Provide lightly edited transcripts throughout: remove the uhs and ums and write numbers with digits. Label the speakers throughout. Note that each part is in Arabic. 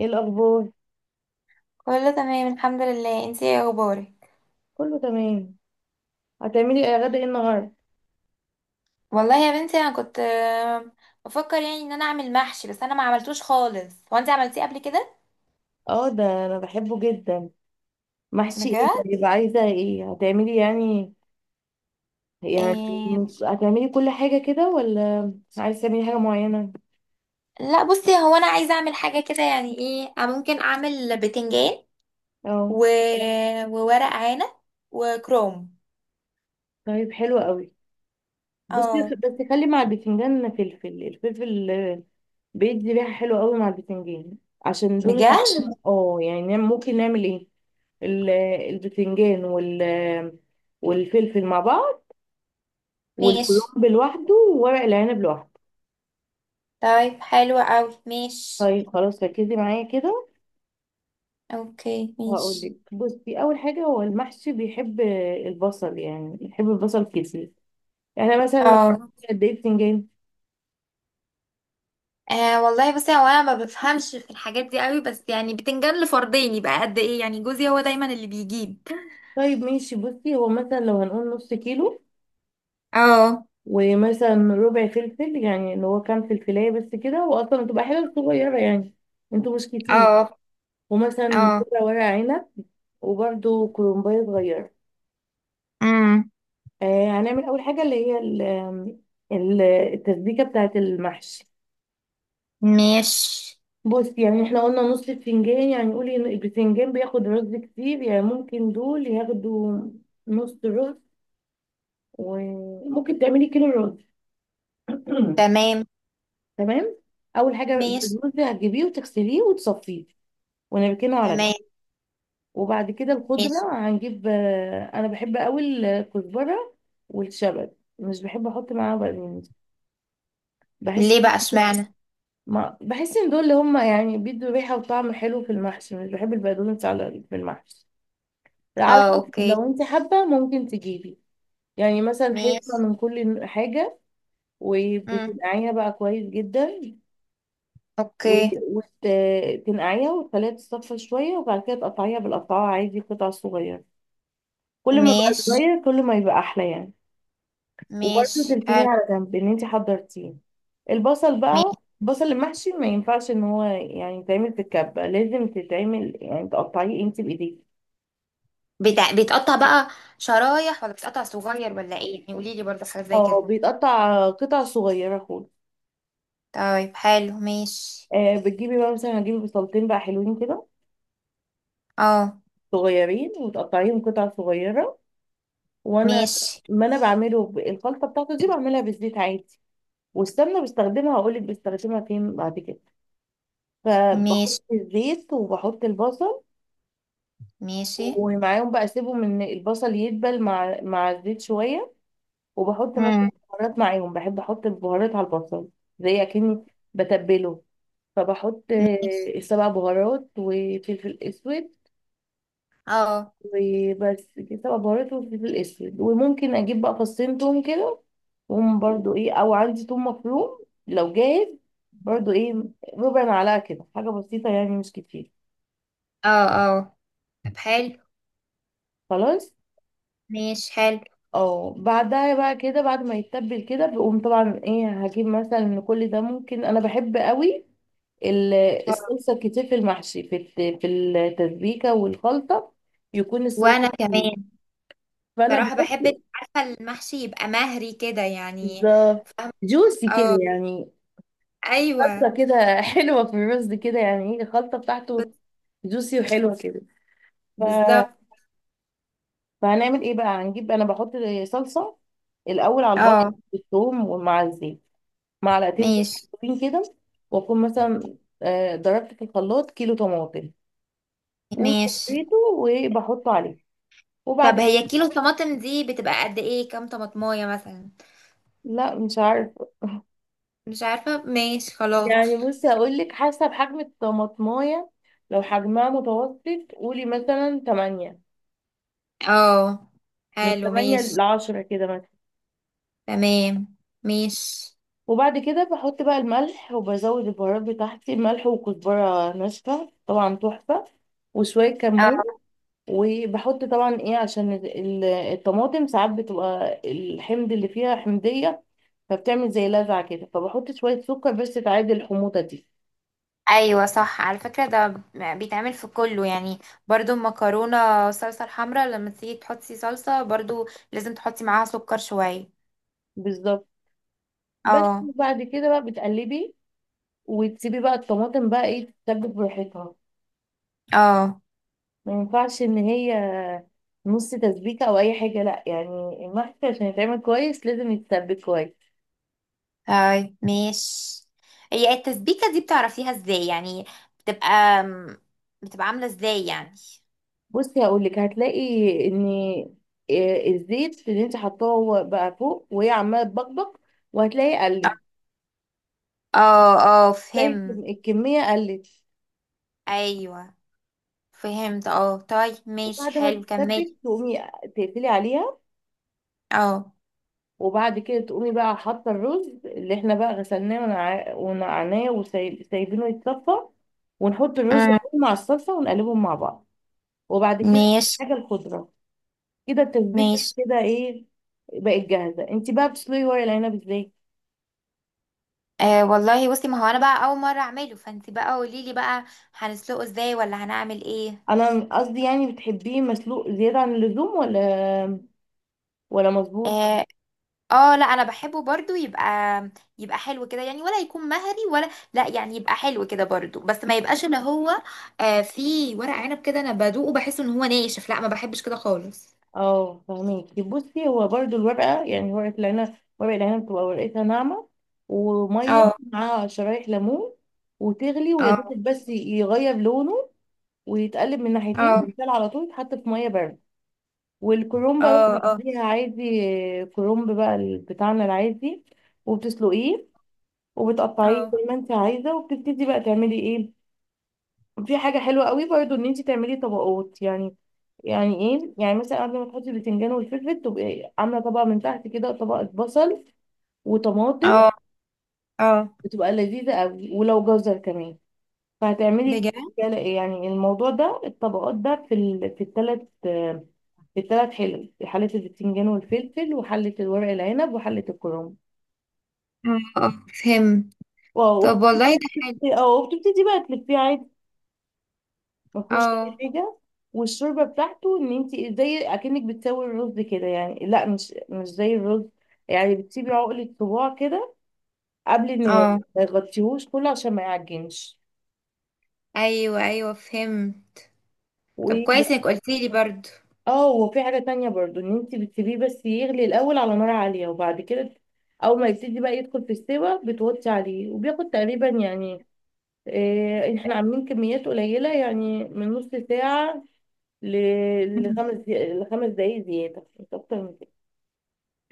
Speaker 1: ايه الاخبار؟
Speaker 2: كله تمام، الحمد لله. انتي ايه اخبارك؟
Speaker 1: كله تمام. هتعملي ايه غدا؟ ايه النهارده؟
Speaker 2: والله يا بنتي، انا كنت بفكر يعني ان انا اعمل محشي. بس انا ما عملتوش خالص. هو انتي عملتيه قبل كده؟
Speaker 1: اه، ده انا بحبه جدا. محشي ايه؟
Speaker 2: بجد؟
Speaker 1: طيب، عايزه ايه هتعملي يعني
Speaker 2: إيه.
Speaker 1: هتعملي كل حاجه كده ولا عايزه تعملي حاجه معينه؟
Speaker 2: لا، بصي، هو انا عايزه اعمل حاجه كده، يعني ايه، أنا ممكن اعمل بتنجان
Speaker 1: اه،
Speaker 2: و... وورق عنب وكروم.
Speaker 1: طيب حلو قوي. بصي،
Speaker 2: اه.
Speaker 1: بس خلي مع البتنجان فلفل. الفلفل بيدي ريحه حلوه قوي مع البتنجان. عشان دول
Speaker 2: بجد؟
Speaker 1: ممكن نعمل ايه؟ ال- البتنجان والفلفل مع بعض،
Speaker 2: ماشي.
Speaker 1: والكرنب لوحده، وورق العنب لوحده.
Speaker 2: طيب، حلو قوي. ماشي.
Speaker 1: طيب خلاص، ركزي معايا كده.
Speaker 2: اوكي،
Speaker 1: وهقول
Speaker 2: ماشي.
Speaker 1: لك، بصي، اول حاجه هو المحشي بيحب البصل، يعني بيحب البصل كتير. يعني مثلا لو
Speaker 2: اه.
Speaker 1: قد ايه بتنجان؟
Speaker 2: آه والله، بصي، هو انا ما بفهمش في الحاجات دي قوي. بس يعني بتنجان لفردين يبقى قد ايه؟ يعني جوزي هو دايما اللي بيجيب.
Speaker 1: طيب ماشي. بصي، هو مثلا لو هنقول نص كيلو،
Speaker 2: اه.
Speaker 1: ومثلا ربع فلفل، يعني اللي هو كام فلفلايه بس كده، واصلا بتبقى حاجه صغيره يعني، انتوا مش كتير.
Speaker 2: اه.
Speaker 1: ومثلا
Speaker 2: اه.
Speaker 1: ربع ورق عنب، وبرده كرنبايه صغيره.
Speaker 2: امم.
Speaker 1: هنعمل اول حاجه اللي هي التسبيكه بتاعه المحشي.
Speaker 2: ماشي.
Speaker 1: بص، يعني احنا قلنا نص الفنجان، يعني قولي إن الفنجان بياخد رز كتير، يعني ممكن دول ياخدوا نص رز، وممكن تعملي كيلو رز.
Speaker 2: تمام.
Speaker 1: تمام. اول حاجه
Speaker 2: ماشي.
Speaker 1: الرز هتجيبيه وتغسليه وتصفيه ونركنه على جنب.
Speaker 2: تمام.
Speaker 1: وبعد كده
Speaker 2: ماشي.
Speaker 1: الخضره هنجيب، انا بحب قوي الكزبره والشبت. مش بحب احط معاها بقدونس. بحس
Speaker 2: ليه بقى؟ اشمعنى؟
Speaker 1: ما بحس ان دول اللي هم يعني بيدوا ريحه وطعم حلو في المحشي. مش بحب البقدونس على في المحشي، على
Speaker 2: اه.
Speaker 1: حسب.
Speaker 2: اوكي،
Speaker 1: لو انت حابه ممكن تجيبي، يعني مثلا حته
Speaker 2: ماشي.
Speaker 1: من كل حاجه.
Speaker 2: امم.
Speaker 1: وبتنقعيها بقى كويس جدا،
Speaker 2: اوكي،
Speaker 1: وتنقعيها وتخليها تتصفى شويه، وبعد كده تقطعيها بالقطعه عادي قطع صغيره. كل ما بقى
Speaker 2: ماشي.
Speaker 1: صغير كل ما يبقى احلى يعني. وبرده
Speaker 2: ماشي.
Speaker 1: تركيني
Speaker 2: حلو.
Speaker 1: على جنب ان انت حضرتيه. البصل
Speaker 2: ماشي.
Speaker 1: بقى. البصل المحشي ما ينفعش ان هو يعني يتعمل في الكبة، لازم تتعمل يعني تقطعيه انت بايديك.
Speaker 2: بيتقطع بقى شرايح، ولا بيتقطع صغير، ولا ايه يعني؟ قولي لي برضه حاجه زي
Speaker 1: اه،
Speaker 2: كده.
Speaker 1: بيتقطع قطع صغيرة خالص.
Speaker 2: طيب، حلو. ماشي.
Speaker 1: بتجيبي بقى مثلا، هجيب بصلتين بقى حلوين كده
Speaker 2: اه.
Speaker 1: صغيرين، وتقطعيهم قطع صغيرة. وانا
Speaker 2: ماشي.
Speaker 1: ما انا بعمله، الخلطة بتاعته دي بعملها بالزيت عادي. والسمنة بستخدمها، هقولك بستخدمها فين بعد كده.
Speaker 2: ماشي.
Speaker 1: فبحط الزيت وبحط البصل،
Speaker 2: ماشي.
Speaker 1: ومعاهم بقى اسيبهم ان البصل يدبل مع الزيت شويه. وبحط مثلا
Speaker 2: امم.
Speaker 1: بهارات معاهم، بحب احط البهارات على البصل، زي اكني بتبله. فبحط
Speaker 2: ماشي.
Speaker 1: سبع بهارات وفلفل اسود،
Speaker 2: اه.
Speaker 1: وبس كده. سبع بهارات وفلفل اسود، وممكن اجيب بقى فصين توم كده، وهم برضو ايه، او عندي توم مفروم لو جاهز، برضو ايه، ربع معلقه كده، حاجه بسيطه يعني مش كتير.
Speaker 2: اه. اه. طب حلو.
Speaker 1: خلاص.
Speaker 2: ماشي. حلو.
Speaker 1: اه، بعدها بقى كده بعد ما يتبل كده، بقوم طبعا ايه، هجيب مثلا من كل ده. ممكن انا بحب قوي ال-
Speaker 2: آه.
Speaker 1: الصلصه كتير في المحشي، في التسبيكه والخلطه يكون
Speaker 2: وانا
Speaker 1: الصلصه كتير.
Speaker 2: كمان
Speaker 1: فانا
Speaker 2: صراحة
Speaker 1: بحط،
Speaker 2: بحب، عارفة، المحشي يبقى مهري كده يعني.
Speaker 1: بالظبط،
Speaker 2: فاهمة؟
Speaker 1: جوسي كده يعني،
Speaker 2: ايوه.
Speaker 1: صلصه كده حلوه في الرز كده، يعني ايه، الخلطه بتاعته جوسي وحلوه كده. ف...
Speaker 2: بالظبط.
Speaker 1: فهنعمل ايه بقى؟ هنجيب، انا بحط صلصه الاول على البصل
Speaker 2: اه.
Speaker 1: والثوم ومع الزيت، معلقتين زيت
Speaker 2: ماشي.
Speaker 1: مبشورين كده. واكون مثلا ضربت في الخلاط كيلو طماطم
Speaker 2: ماشي.
Speaker 1: وصفيته وبحطه عليه.
Speaker 2: طب
Speaker 1: وبعد
Speaker 2: هي كيلو طماطم دي بتبقى قد ايه؟ كام طماطمايه مثلا؟
Speaker 1: لا، مش عارف.
Speaker 2: مش عارفة. ماشي، خلاص.
Speaker 1: يعني، بصي هقول لك، حسب حجم الطماطمايه، لو حجمها متوسط قولي مثلا 8،
Speaker 2: اه.
Speaker 1: من
Speaker 2: حلو.
Speaker 1: 8
Speaker 2: ماشي.
Speaker 1: ل 10 كده مثلا.
Speaker 2: تمام. ماشي.
Speaker 1: وبعد كده بحط بقى الملح وبزود البهارات بتاعتي، ملح وكزبره ناشفه طبعا تحفه وشويه كمون.
Speaker 2: اه.
Speaker 1: وبحط طبعا ايه عشان الطماطم ساعات بتبقى الحمض اللي فيها حمضية، فبتعمل زي لذعة كده، فبحط شوية سكر بس تعادل الحموضة دي.
Speaker 2: ايوه، صح، على فكره ده بيتعمل في كله يعني. برضو المكرونه صلصه الحمراء، لما تيجي تحطي صلصه، برضو لازم تحطي معاها سكر شويه.
Speaker 1: بالظبط. بس
Speaker 2: اه.
Speaker 1: بعد كده بقى بتقلبي، وتسيبي بقى الطماطم بقى ايه تتسبك براحتها.
Speaker 2: اه.
Speaker 1: ما ينفعش ان هي نص تسبيكة او اي حاجة، لا، يعني المحشي عشان يتعمل كويس لازم يتسبك كويس.
Speaker 2: طيب، ماشي. هي التسبيكه دي بتعرفيها ازاي يعني؟ بتبقى بتبقى عامله ازاي يعني؟
Speaker 1: بصي هقول لك، هتلاقي ان إيه الزيت اللي انت حطاه هو بقى فوق وهي عماله تبقبق، وهتلاقي قلت،
Speaker 2: اه. اه
Speaker 1: تلاقي
Speaker 2: فهم.
Speaker 1: الكميه قلت.
Speaker 2: ايوه فهمت. اه. طيب، ماشي.
Speaker 1: وبعد ما
Speaker 2: حلو، كملي.
Speaker 1: تتسبك تقومي تقفلي عليها،
Speaker 2: اه.
Speaker 1: وبعد كده تقومي بقى حاطه الرز اللي احنا بقى غسلناه ونقعناه وسايبينه يتصفى، ونحط الرز
Speaker 2: أمم.
Speaker 1: مع الصلصه ونقلبهم مع بعض. وبعد كده
Speaker 2: ماشي.
Speaker 1: حاجه الخضره. كده التسبيكه
Speaker 2: ماشي.
Speaker 1: كده ايه، بقت جاهزه. انت بقى بتسلقي ورق العنب ازاي؟
Speaker 2: أه والله، بصي، ما هو انا بقى اول مره اعمله، فانت بقى قولي لي بقى. هنسلقه ازاي ولا هنعمل ايه؟
Speaker 1: انا قصدي يعني، بتحبيه مسلوق زياده عن اللزوم ولا مظبوط؟
Speaker 2: اه. لا، انا بحبه برضو يبقى حلو كده يعني، ولا يكون مهري، ولا لا يعني يبقى حلو كده برضو. بس ما يبقاش اللي هو، في ورق عنب كده انا بدوقه بحس ان هو ناشف، لا، ما بحبش كده خالص.
Speaker 1: اه، فهميكي. بصي، هو برضو الورقه، يعني ورقه العنب بتبقى ورقتها ناعمه، وميه
Speaker 2: اه.
Speaker 1: مع شرايح ليمون، وتغلي ويا
Speaker 2: اه.
Speaker 1: دوب بس يغير لونه، ويتقلب من ناحيتين،
Speaker 2: اه. مم.
Speaker 1: يتسال على طول، يتحط في ميه بارده. والكرومبا بقى
Speaker 2: اه. اه.
Speaker 1: بتجيبيها عادي. كرومب بقى بتاعنا العادي، وبتسلقيه وبتقطعيه زي
Speaker 2: اه.
Speaker 1: ما انت عايزه، وبتبتدي بقى تعملي ايه. في حاجة حلوة قوي برضو، ان انت تعملي طبقات يعني. يعني ايه، يعني مثلا قبل ما تحطي البتنجان والفلفل، تبقي عاملة طبقة من تحت كده، طبقة بصل وطماطم،
Speaker 2: اه. اه.
Speaker 1: بتبقى لذيذة قوي، ولو جزر كمان. فهتعملي
Speaker 2: بجد.
Speaker 1: يعني الموضوع ده، الطبقات ده في في الثلاث حلل، في حلة البتنجان والفلفل، وحلة الورق العنب، وحلة الكرنب.
Speaker 2: اه. فهمت.
Speaker 1: واو.
Speaker 2: طب والله ده حلو.
Speaker 1: وبتبتدي بقى تلفيه عادي، ما فيهوش اي
Speaker 2: اه.
Speaker 1: حاجه. والشوربه بتاعته ان انت زي اكنك بتسوي الرز كده يعني، لا، مش زي الرز، يعني بتسيبي عقله صباع كده قبل النهايه،
Speaker 2: اه.
Speaker 1: ما يغطيهوش كله عشان ما يعجنش.
Speaker 2: ايوه. ايوه فهمت. طب
Speaker 1: وايه
Speaker 2: كويس
Speaker 1: بقى،
Speaker 2: انك قلتي لي برضو.
Speaker 1: اه وفي حاجه تانية برضو، ان انت بتسيبيه بس يغلي الاول على نار عاليه، وبعد كده اول ما يبتدي بقى يدخل في السوا بتوطي عليه. وبياخد تقريبا يعني إيه، احنا عاملين كميات قليله يعني، من نص ساعه
Speaker 2: مم.
Speaker 1: لخمس دقايق زياده، مش اكتر من كده.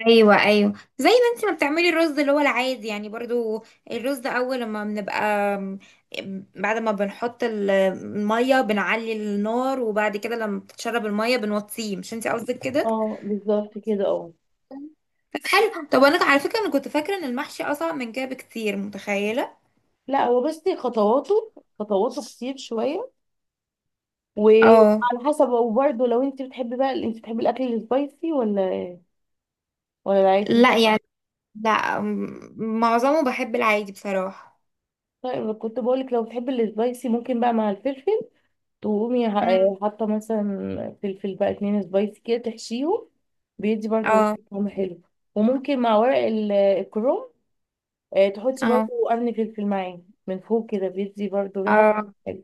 Speaker 2: ايوه. ايوه. زي ما انت ما بتعملي الرز اللي هو العادي يعني برضو. الرز ده اول لما بنبقى، بعد ما بنحط الميه بنعلي النار، وبعد كده لما بتتشرب الميه بنوطيه. مش انت قصدك كده؟
Speaker 1: اه، بالظبط كده، اه.
Speaker 2: طب حلو. طب انا على فكره انا كنت فاكره ان المحشي اصعب من كده بكتير، متخيله.
Speaker 1: لا هو، بصي، خطواته كتير شويه،
Speaker 2: اه.
Speaker 1: وعلى حسب. وبرده لو انت بتحبي بقى، انت بتحبي الاكل السبايسي ولا العادي؟
Speaker 2: لا يعني، لا، معظمه بحب العادي بصراحه.
Speaker 1: طيب كنت بقولك لو بتحبي السبايسي، ممكن بقى مع الفلفل تقومي
Speaker 2: امم.
Speaker 1: حاطه مثلا فلفل بقى اتنين سبايسي كده، تحشيهم، بيدي برضه
Speaker 2: اه.
Speaker 1: طعم حلو. وممكن مع ورق الكروم، تحطي برضه
Speaker 2: اه.
Speaker 1: قرن فلفل معاه من فوق كده، بيدي برضه ريحه
Speaker 2: اه.
Speaker 1: حلوة.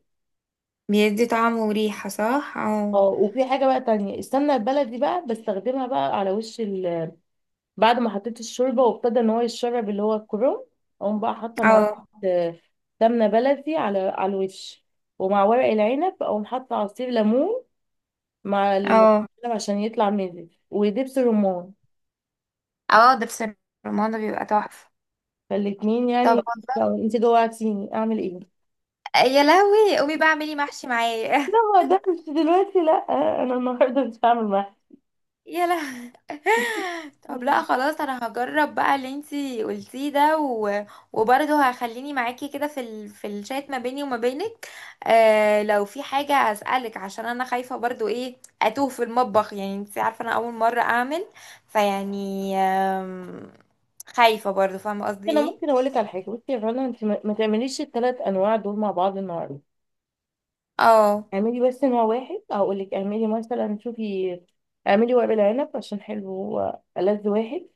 Speaker 2: بيدي طعم وريحه، صح. اه.
Speaker 1: اه وفي حاجة بقى تانية، السمنة البلدي بقى بستخدمها بقى على وش بعد ما حطيت الشوربة وابتدى ان هو يتشرب اللي هو الكرنب، اقوم بقى حاطة معلقة
Speaker 2: اه.
Speaker 1: آه، سمنة بلدي على الوش. ومع ورق العنب اقوم حاطة عصير ليمون مع
Speaker 2: اه.
Speaker 1: عشان يطلع مزز، ودبس رمان،
Speaker 2: اه ده، بس الرمان ده بيبقى تحفة.
Speaker 1: فالاتنين
Speaker 2: طب.
Speaker 1: يعني. لو انت جوعتيني اعمل ايه؟
Speaker 2: يا لهوي، قومي بقى اعملي محشي معايا.
Speaker 1: لا، ما اقدرش دلوقتي، لا. انا النهارده مش هعمل
Speaker 2: يا لهوي. طب لا،
Speaker 1: محشي
Speaker 2: خلاص، انا هجرب بقى اللي انتي قلتيه ده وبرضه هخليني معاكي كده في الشات ما بيني وما بينك. لو في حاجة هسألك، عشان انا خايفة برضه ايه اتوه في المطبخ يعني، انتي عارفة انا اول مرة اعمل. فيعني خايفة برضه. فاهمة قصدي
Speaker 1: انا
Speaker 2: ايه؟
Speaker 1: ممكن اقول لك على حاجه. بصي يا رنا، انت ما تعمليش الثلاث انواع دول مع بعض النهارده.
Speaker 2: اه.
Speaker 1: اعملي بس نوع واحد. هقول لك، اعملي مثلا، شوفي، اعملي ورق العنب، عشان حلو، هو ألذ واحد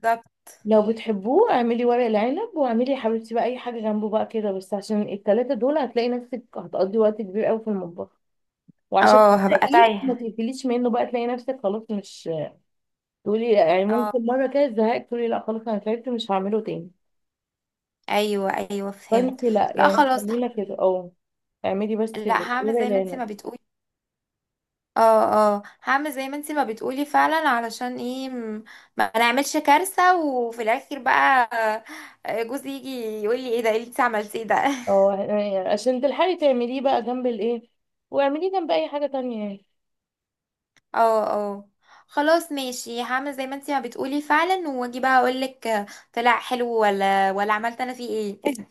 Speaker 2: بالظبط.
Speaker 1: لو بتحبوه. اعملي ورق العنب، واعملي يا حبيبتي بقى اي حاجه جنبه بقى كده، بس عشان الثلاثه دول هتلاقي نفسك هتقضي وقت كبير قوي في المطبخ، وعشان
Speaker 2: اه هبقى
Speaker 1: تلاقيه ما
Speaker 2: تايهة.
Speaker 1: تقفليش منه بقى، تلاقي نفسك خلاص، مش تقولي يعني،
Speaker 2: اه.
Speaker 1: ممكن مره كده زهقت، تقولي لا خلاص انا تعبت مش هعمله تاني.
Speaker 2: ايوه. ايوه فهمت.
Speaker 1: فانت لا،
Speaker 2: لا،
Speaker 1: يعني
Speaker 2: خلاص.
Speaker 1: خلينا كده. اه اعملي بس
Speaker 2: لا هعمل
Speaker 1: ورق
Speaker 2: زي ما انت
Speaker 1: العنب.
Speaker 2: ما بتقولي. اه. اه هعمل زي ما انت ما بتقولي فعلا. علشان ايه ما نعملش كارثة، وفي الاخر بقى جوزي يجي يقول لي ايه ده، ايه اللي انت عملتيه ده؟
Speaker 1: اه، يعني عشان تلحقي تعمليه بقى جنب الايه، واعمليه جنب اي حاجه تانية يعني.
Speaker 2: اه. اه. خلاص ماشي، هعمل زي ما انت ما بتقولي فعلا، واجي بقى اقول لك طلع حلو ولا عملت انا فيه ايه.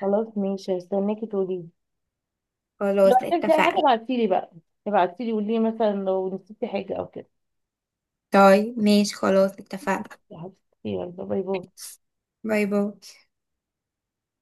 Speaker 1: خلاص ماشي، هستناكي تقولي لي. لو
Speaker 2: خلاص
Speaker 1: احتجتي اي حاجه
Speaker 2: اتفقنا.
Speaker 1: ابعتيلي بقى، ابعتيلي قولي لي مثلا لو نسيتي حاجه او كده.
Speaker 2: طيب ماشي، خلاص اتفقنا.
Speaker 1: يا حبيبتي، يلا باي باي.
Speaker 2: باي باي.